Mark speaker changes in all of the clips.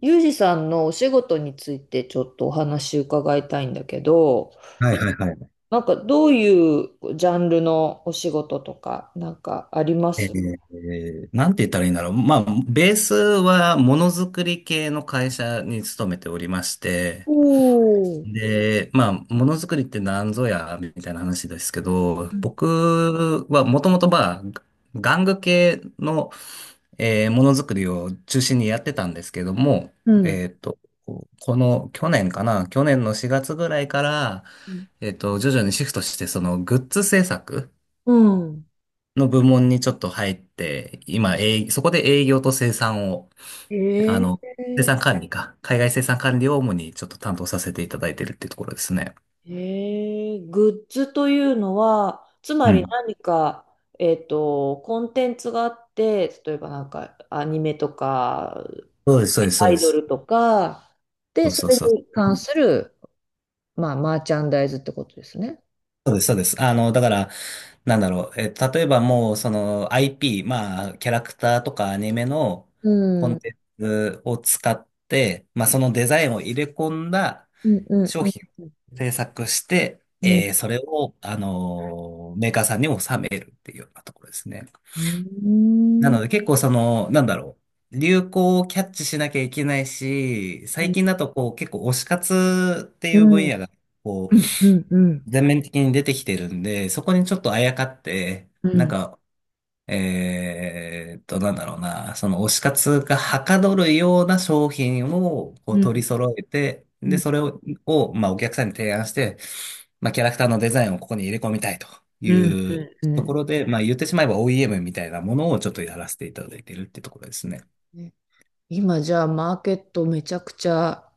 Speaker 1: ユージさんのお仕事についてちょっとお話伺いたいんだけど、
Speaker 2: はいはいはい。
Speaker 1: なんかどういうジャンルのお仕事とかなんかあります？
Speaker 2: なんて言ったらいいんだろう。まあ、ベースはものづくり系の会社に勤めておりまして、
Speaker 1: おー、
Speaker 2: で、まあ、ものづくりって何ぞや、みたいな話ですけど、僕はもともとまあ、玩具系の、ものづくりを中心にやってたんですけども、
Speaker 1: うん。
Speaker 2: えっと、この去年かな、去年の4月ぐらいから、徐々にシフトして、そのグッズ制作、
Speaker 1: うん。
Speaker 2: の部門にちょっと入って、今、そこで営業と生産を、あ
Speaker 1: え
Speaker 2: の、生産管理か、海外生産管理を主にちょっと担当させていただいてるっていうところですね。
Speaker 1: グッズというのは、つま
Speaker 2: う
Speaker 1: り
Speaker 2: ん。
Speaker 1: 何か、コンテンツがあって、例えばなんかアニメとか、
Speaker 2: そうです、そうです、そう
Speaker 1: ア
Speaker 2: で
Speaker 1: イド
Speaker 2: す。
Speaker 1: ルとか、で、
Speaker 2: そう
Speaker 1: そ
Speaker 2: そう
Speaker 1: れ
Speaker 2: そ
Speaker 1: に
Speaker 2: う。
Speaker 1: 関する、まあ、マーチャンダイズってことですね。
Speaker 2: そうです、そうです。だから、なんだろう。例えばもう、その IP、まあ、キャラクターとかアニメの
Speaker 1: う
Speaker 2: コ
Speaker 1: ん、うん、
Speaker 2: ンテンツを使って、まあ、そのデザインを入れ込んだ
Speaker 1: うん、うん、
Speaker 2: 商品を制作して、
Speaker 1: うん、
Speaker 2: それを、メーカーさんに納めるっていうようなところですね。
Speaker 1: う
Speaker 2: な
Speaker 1: ん、
Speaker 2: ので結構その、なんだろう、流行をキャッチしなきゃいけないし、
Speaker 1: う
Speaker 2: 最
Speaker 1: ん、
Speaker 2: 近だとこう結構推し活って
Speaker 1: う
Speaker 2: いう分
Speaker 1: ん、
Speaker 2: 野がこ
Speaker 1: う
Speaker 2: う
Speaker 1: ん、うん、うん、
Speaker 2: 全面的に出てきてるんで、そこにちょっとあやかって、
Speaker 1: うん、う
Speaker 2: なん
Speaker 1: ん、
Speaker 2: かなんだろうな、その推し活がはかどるような商品をこ
Speaker 1: う
Speaker 2: う取り
Speaker 1: ん、
Speaker 2: 揃えて、で、それをまあ、お客さんに提案して、まあ、キャラクターのデザインをここに入れ込みたいと
Speaker 1: うん、
Speaker 2: いう
Speaker 1: う
Speaker 2: とこ
Speaker 1: ん。
Speaker 2: ろで、まあ、言ってしまえば OEM みたいなものをちょっとやらせていただいているってところですね。
Speaker 1: ね、今じゃあマーケットめちゃくちゃ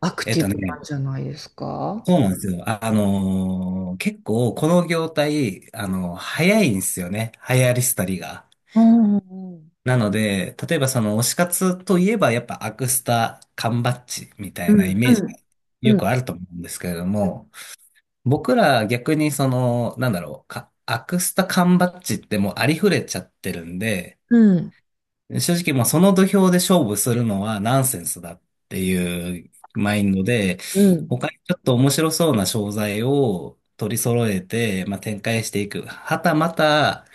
Speaker 1: アク
Speaker 2: えっ
Speaker 1: ティ
Speaker 2: と
Speaker 1: ブな
Speaker 2: ね、
Speaker 1: んじゃないですか？
Speaker 2: そうなんですよ。結構この業態、早いんですよね。流行り廃りが。
Speaker 1: うん、うん、
Speaker 2: なので、例えばその推し活といえばやっぱアクスタ、缶バッジみた
Speaker 1: う
Speaker 2: いなイ
Speaker 1: ん、
Speaker 2: メージが
Speaker 1: う
Speaker 2: よ
Speaker 1: ん、
Speaker 2: くあると思うんですけれども、僕ら逆にその、なんだろう、アクスタ、缶バッジってもうありふれちゃってるんで、
Speaker 1: うん、
Speaker 2: 正直もうその土俵で勝負するのはナンセンスだっていうマインドで、
Speaker 1: うん、
Speaker 2: 他にちょっと面白そうな商材を取り揃えて、まあ、展開していく。はたまた、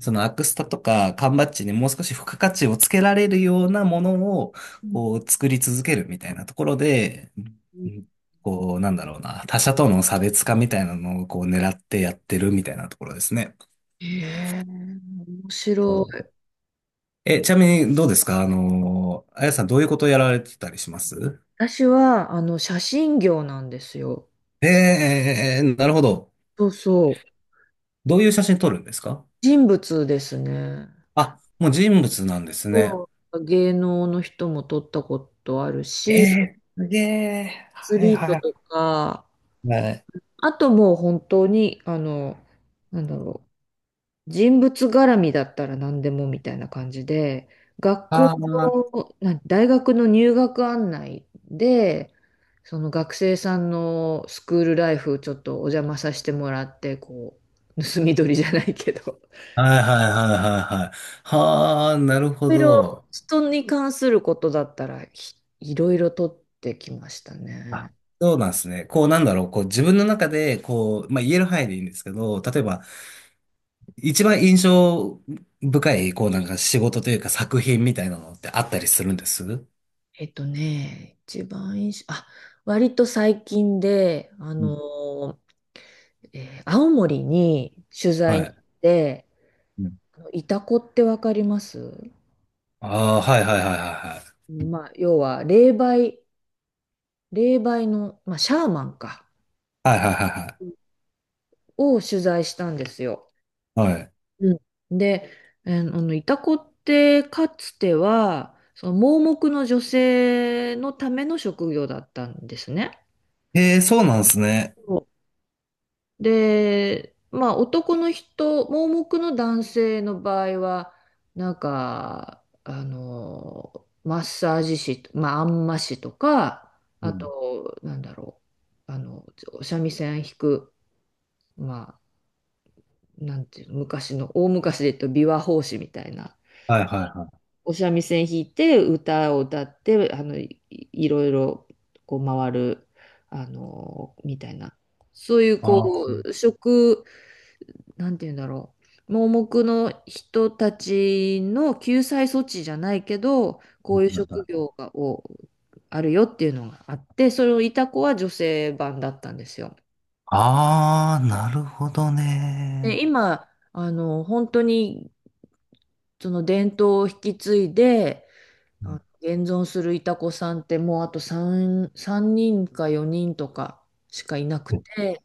Speaker 2: そのアクスタとか缶バッジにもう少し付加価値をつけられるようなものを
Speaker 1: うん。
Speaker 2: こう作り続けるみたいなところで、うん。こうなんだろうな、他者との差別化みたいなのをこう狙ってやってるみたいなところですね。
Speaker 1: へえ、面
Speaker 2: そ
Speaker 1: 白
Speaker 2: う。
Speaker 1: い。
Speaker 2: ちなみにどうですか、あやさん、どういうことやられてたりします？
Speaker 1: 私はあの写真業なんですよ。
Speaker 2: えー、なるほど。
Speaker 1: そうそう。
Speaker 2: どういう写真撮るんですか？
Speaker 1: 人物ですね。
Speaker 2: あ、もう人物なんですね。
Speaker 1: そう、芸能の人も撮ったことある
Speaker 2: え
Speaker 1: し、ア
Speaker 2: ー、すげえ。
Speaker 1: ス
Speaker 2: はい
Speaker 1: リート
Speaker 2: は
Speaker 1: と
Speaker 2: い
Speaker 1: か、
Speaker 2: はい。
Speaker 1: あともう本当に、なんだろう、人物絡みだったら何でもみたいな感じで、学校
Speaker 2: ああ、
Speaker 1: の、な大学の入学案内で、その学生さんのスクールライフちょっとお邪魔させてもらって、こう、盗み撮りじゃないけど、
Speaker 2: はいはいはいはいはい。はあ、なるほ
Speaker 1: いろい
Speaker 2: ど。
Speaker 1: ろ人に関することだったら、いろいろ撮ってきました
Speaker 2: あ、
Speaker 1: ね。
Speaker 2: そうなんですね。こうなんだろう。こう自分の中で、こう、まあ言える範囲でいいんですけど、例えば、一番印象深い、こうなんか仕事というか作品みたいなのってあったりするんですう？
Speaker 1: 一番印象、あ、割と最近で、
Speaker 2: ん。
Speaker 1: 青森に取
Speaker 2: は
Speaker 1: 材に行
Speaker 2: い。
Speaker 1: って、
Speaker 2: うん。
Speaker 1: あのイタコってわかります？
Speaker 2: ああ、はいはいはいはいはい。
Speaker 1: まあ、要は霊媒、霊媒の、まあ、シャーマンか、
Speaker 2: はいはいはい
Speaker 1: を取材したんですよ。
Speaker 2: はい。はい。
Speaker 1: うん。で、あのイタコってかつては、その盲目の女性のための職業だったんですね。
Speaker 2: ええ、そうなんですね。
Speaker 1: で、まあ男の人、盲目の男性の場合は、なんか、マッサージ師、まあ、あんま師とか、
Speaker 2: う
Speaker 1: あ
Speaker 2: ん。
Speaker 1: と、なんだろう、お三味線弾く、まあ、なんていうの、昔の、大昔で言うと琵琶法師みたいな、
Speaker 2: はいはいはい。
Speaker 1: お三味線弾いて、歌を歌って、いろいろ、こう回る、みたいな、そういう、
Speaker 2: あー
Speaker 1: こ
Speaker 2: は
Speaker 1: う、職、なんて言うんだろう。盲目の人たちの救済措置じゃないけど、こ
Speaker 2: い
Speaker 1: ういう職
Speaker 2: はい。
Speaker 1: 業をあるよっていうのがあって、それをいた子は女性版だったんですよ。
Speaker 2: あー、なるほど
Speaker 1: で、
Speaker 2: ね。
Speaker 1: 今、本当にその伝統を引き継いで、
Speaker 2: う
Speaker 1: あ、
Speaker 2: ん。
Speaker 1: 現存するいた子さんってもうあと3人か4人とかしかいなくて、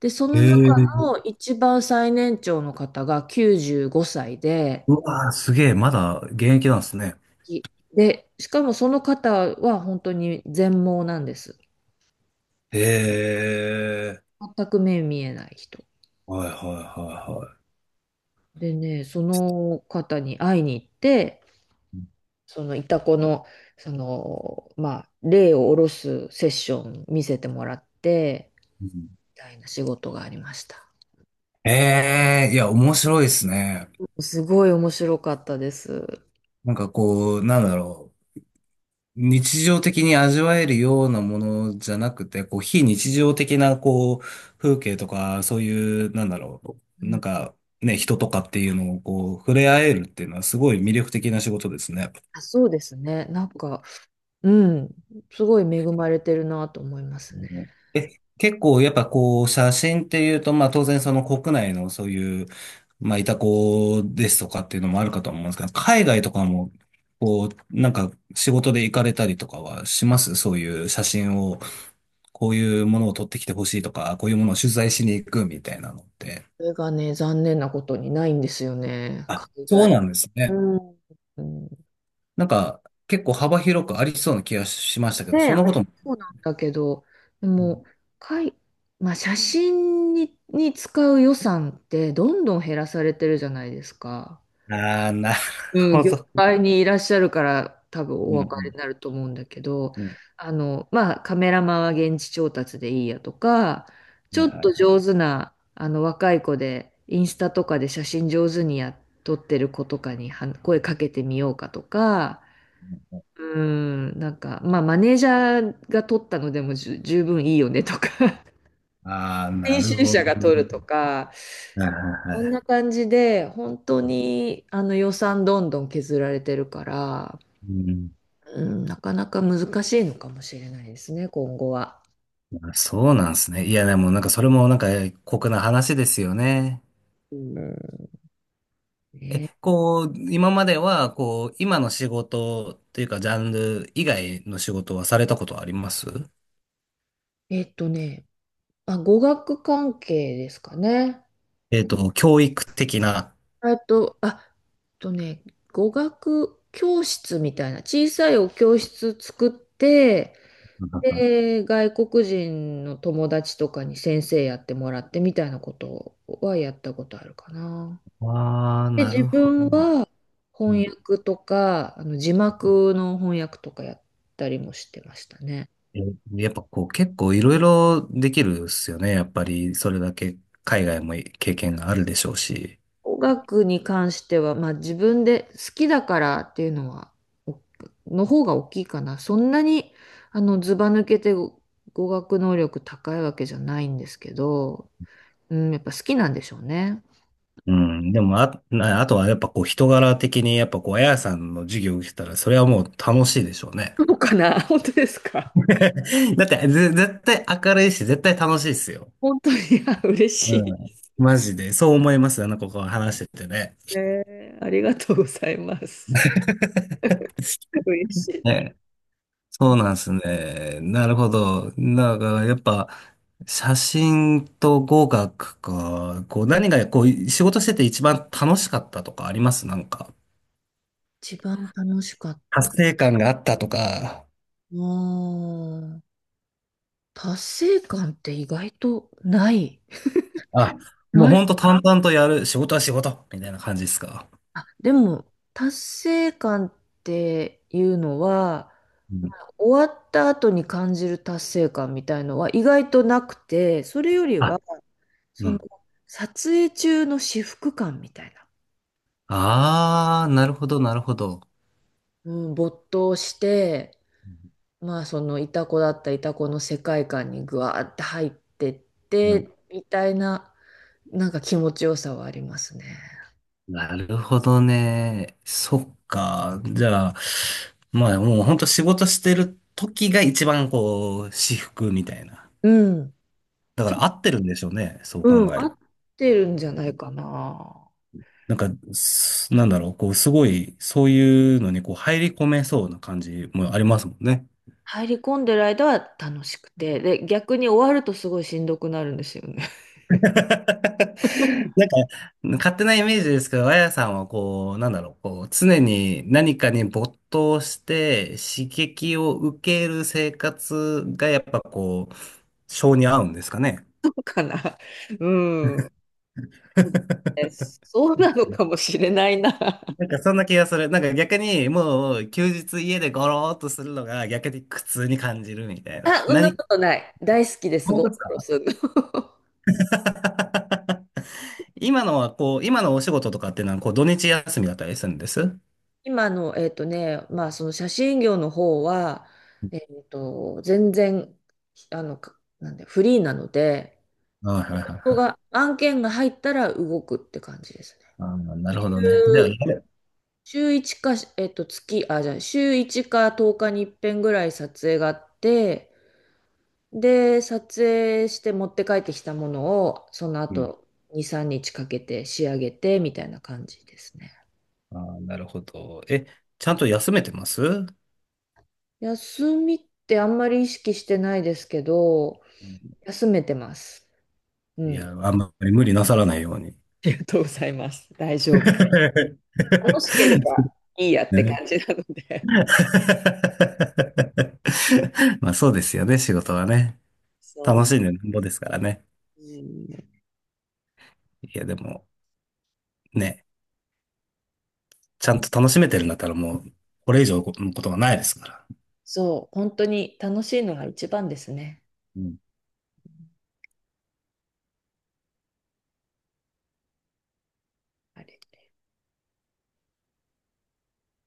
Speaker 1: で、そ
Speaker 2: へ
Speaker 1: の中
Speaker 2: え。
Speaker 1: の一番最年長の方が95歳で、
Speaker 2: うわー、すげえ、まだ現役なんですね。
Speaker 1: き。で、しかもその方は本当に全盲なんです。
Speaker 2: へえ、
Speaker 1: 全く目見えない人。
Speaker 2: はいはいはいは
Speaker 1: でね、その方に会いに行って、
Speaker 2: い。
Speaker 1: そのイタコの、その、まあ、霊を下ろすセッション見せてもらって、み
Speaker 2: うん。
Speaker 1: たいな仕事がありました。
Speaker 2: ええ、いや、面白いですね。
Speaker 1: すごい面白かったです。
Speaker 2: なんかこう、なんだろう。日常的に味わえるようなものじゃなくて、こう、非日常的な、こう、風景とか、そういう、なんだろ
Speaker 1: う
Speaker 2: う。なん
Speaker 1: ん、
Speaker 2: か、ね、人とかっていうのを、こう、触れ合えるっていうのは、すごい魅力的な仕事ですね。
Speaker 1: あ、そうですね。なんか、うん、すごい恵まれてるなと思いますね。
Speaker 2: え、結構やっぱこう写真っていうと、まあ当然その国内のそういう、まあいたこですとかっていうのもあるかと思うんですけど、海外とかも、こう、なんか仕事で行かれたりとかはします？そういう写真を、こういうものを撮ってきてほしいとか、こういうものを取材しに行くみたいなのって。
Speaker 1: それがね、残念なことにないんですよね。
Speaker 2: あ、
Speaker 1: 海
Speaker 2: そう
Speaker 1: 外。
Speaker 2: なんです
Speaker 1: う
Speaker 2: ね。
Speaker 1: ん。うん。
Speaker 2: なんか結構幅広くありそうな気がしましたけど、
Speaker 1: ねえ、
Speaker 2: そん
Speaker 1: あ
Speaker 2: なこ
Speaker 1: れ
Speaker 2: とも。
Speaker 1: そうなんだけど、でも、かい、まあ、写真に使う予算ってどんどん減らされてるじゃないですか。
Speaker 2: ああー、なる
Speaker 1: うん、
Speaker 2: ほ
Speaker 1: 業
Speaker 2: ど。
Speaker 1: 界にいらっしゃるから多分お
Speaker 2: うんう
Speaker 1: 分かり
Speaker 2: ん
Speaker 1: になると思うんだけど、
Speaker 2: うん。
Speaker 1: まあ、カメラマンは現地調達でいいやとか、ち
Speaker 2: はい
Speaker 1: ょっと
Speaker 2: はい。
Speaker 1: 上手な、若い子で、インスタとかで写真上手にやっとってる子とかには声かけてみようかとか、うん、なんか、まあ、マネージャーが取ったのでも十分いいよねとか
Speaker 2: ああ、な
Speaker 1: 編
Speaker 2: る
Speaker 1: 集
Speaker 2: ほ
Speaker 1: 者
Speaker 2: ど
Speaker 1: が取
Speaker 2: ね。
Speaker 1: るとか、
Speaker 2: はいはい
Speaker 1: こんな
Speaker 2: は
Speaker 1: 感じで、本当にあの予算どんどん削られてるから、
Speaker 2: い。うん。
Speaker 1: うん、なかなか難しいのかもしれないですね、今後は。
Speaker 2: あ、そうなんですね。いや、でもなんかそれもなんか酷な話ですよね。
Speaker 1: うん。ね、
Speaker 2: こう、今までは、こう、今の仕事っていうか、ジャンル以外の仕事はされたことあります？
Speaker 1: えっとね、あ、語学関係ですかね。
Speaker 2: 教育的な。
Speaker 1: あ、とね、語学教室みたいな、小さいお教室作って、で、外国人の友達とかに先生やってもらってみたいなことはやったことあるかな。
Speaker 2: ああー、
Speaker 1: で、
Speaker 2: な
Speaker 1: 自
Speaker 2: るほ
Speaker 1: 分
Speaker 2: ど。
Speaker 1: は
Speaker 2: う
Speaker 1: 翻
Speaker 2: ん。
Speaker 1: 訳とか、あの字幕の翻訳とかやったりもしてましたね。
Speaker 2: えやっぱこう、結構いろいろできるっすよね。やっぱり、それだけ海外も経験があるでしょうし。
Speaker 1: 語学に関しては、まあ自分で好きだからっていうのは、おの方が大きいかな。そんなに、ずば抜けて語学能力高いわけじゃないんですけど、うん、やっぱ好きなんでしょうね。
Speaker 2: うん。でも、あ、なあとはやっぱこう人柄的に、やっぱこう、あやさんの授業を受けたら、それはもう楽しいでしょうね。
Speaker 1: そうかな、本当ですか？
Speaker 2: だって、絶対明るいし、絶対楽しいっすよ。
Speaker 1: 本当に、あ、嬉
Speaker 2: う
Speaker 1: し
Speaker 2: ん。マジで。そう思います。あの子が話しててね。
Speaker 1: い。ありがとうございます。嬉しいな。
Speaker 2: ね。そうなんですね。なるほど。なんか、やっぱ、写真と語学か、こう、何が、こう、仕事してて一番楽しかったとかあります？なんか、
Speaker 1: 一番楽しかった。
Speaker 2: 達成感があったとか。
Speaker 1: あー達成感って意外とない。
Speaker 2: あ、もう
Speaker 1: ない。
Speaker 2: ほんと淡々とやる、仕事は仕事みたいな感じですか？
Speaker 1: あ、でも、達成感っていうのは、
Speaker 2: う
Speaker 1: ま
Speaker 2: ん。
Speaker 1: あ終わった後に感じる達成感みたいのは意外となくて、それより
Speaker 2: あ、
Speaker 1: は、
Speaker 2: う
Speaker 1: その、
Speaker 2: ん。
Speaker 1: 撮影中の至福感みたいな。
Speaker 2: あー、なるほど、なるほど。
Speaker 1: うん、没頭して、まあそのイタコの世界観にぐわーって入ってっ
Speaker 2: う
Speaker 1: て
Speaker 2: ん、
Speaker 1: みたいななんか気持ちよさはありますね。
Speaker 2: なるほどね。そっか。じゃあ、まあもうほんと仕事してる時が一番こう、至福みたいな。
Speaker 1: うん、
Speaker 2: だから合ってるんでしょうね。そう考
Speaker 1: うん、
Speaker 2: え
Speaker 1: 合
Speaker 2: る。
Speaker 1: ってるんじゃないかな。
Speaker 2: なんか、なんだろう、こう、すごい、そういうのにこう、入り込めそうな感じもありますもんね。
Speaker 1: 入り込んでる間は楽しくて、で、逆に終わるとすごいしんどくなるんですよね。
Speaker 2: なん勝手なイメージですけど、あやさんはこう、なんだろう、こう、常に何かに没頭して刺激を受ける生活がやっぱこう、性に合うんですかね。
Speaker 1: そうかな。うん。そうなのかもしれないな。
Speaker 2: なんかそんな気がする。なんか逆にもう休日家でゴローっとするのが逆に苦痛に感じるみたい
Speaker 1: あ、
Speaker 2: な。
Speaker 1: そんなことない。大好きです、
Speaker 2: 本
Speaker 1: ゴ
Speaker 2: 当
Speaker 1: ロ
Speaker 2: です
Speaker 1: ゴロ
Speaker 2: か？
Speaker 1: するの。
Speaker 2: 今のはこう、今のお仕事とかっていうのはこう土日休みだったりするんです？は
Speaker 1: 今の、まあ、その写真業の方は、全然、あの、かなんで、フリーなので、
Speaker 2: いはいはい
Speaker 1: ここ
Speaker 2: はい。
Speaker 1: が、案件が入ったら動くって感じですね。
Speaker 2: あーなるほ
Speaker 1: 週、
Speaker 2: どね。では、やる。
Speaker 1: 週1か、月、あ、じゃあ、週1か10日に一遍ぐらい撮影があって、で、撮影して持って帰ってきたものを、その後、2、3日かけて仕上げて、みたいな感じですね。
Speaker 2: ああなるほど。ちゃんと休めてます？う
Speaker 1: 休みってあんまり意識してないですけど、
Speaker 2: ん。
Speaker 1: 休めてます。う
Speaker 2: いや、
Speaker 1: ん。あ
Speaker 2: あんまり無理なさらないように。
Speaker 1: りがとうございます。大丈夫。楽しければいいやって
Speaker 2: ね。
Speaker 1: 感じなの で。
Speaker 2: まあそうですよね、仕事はね。
Speaker 1: そ
Speaker 2: 楽しんでなんぼですからね。
Speaker 1: う。うん、
Speaker 2: いや、でも、ね、ちゃんと楽しめてるんだったらもう、これ以上のことはないですから。
Speaker 1: そう、本当に楽しいのが一番ですね。
Speaker 2: うん
Speaker 1: あれ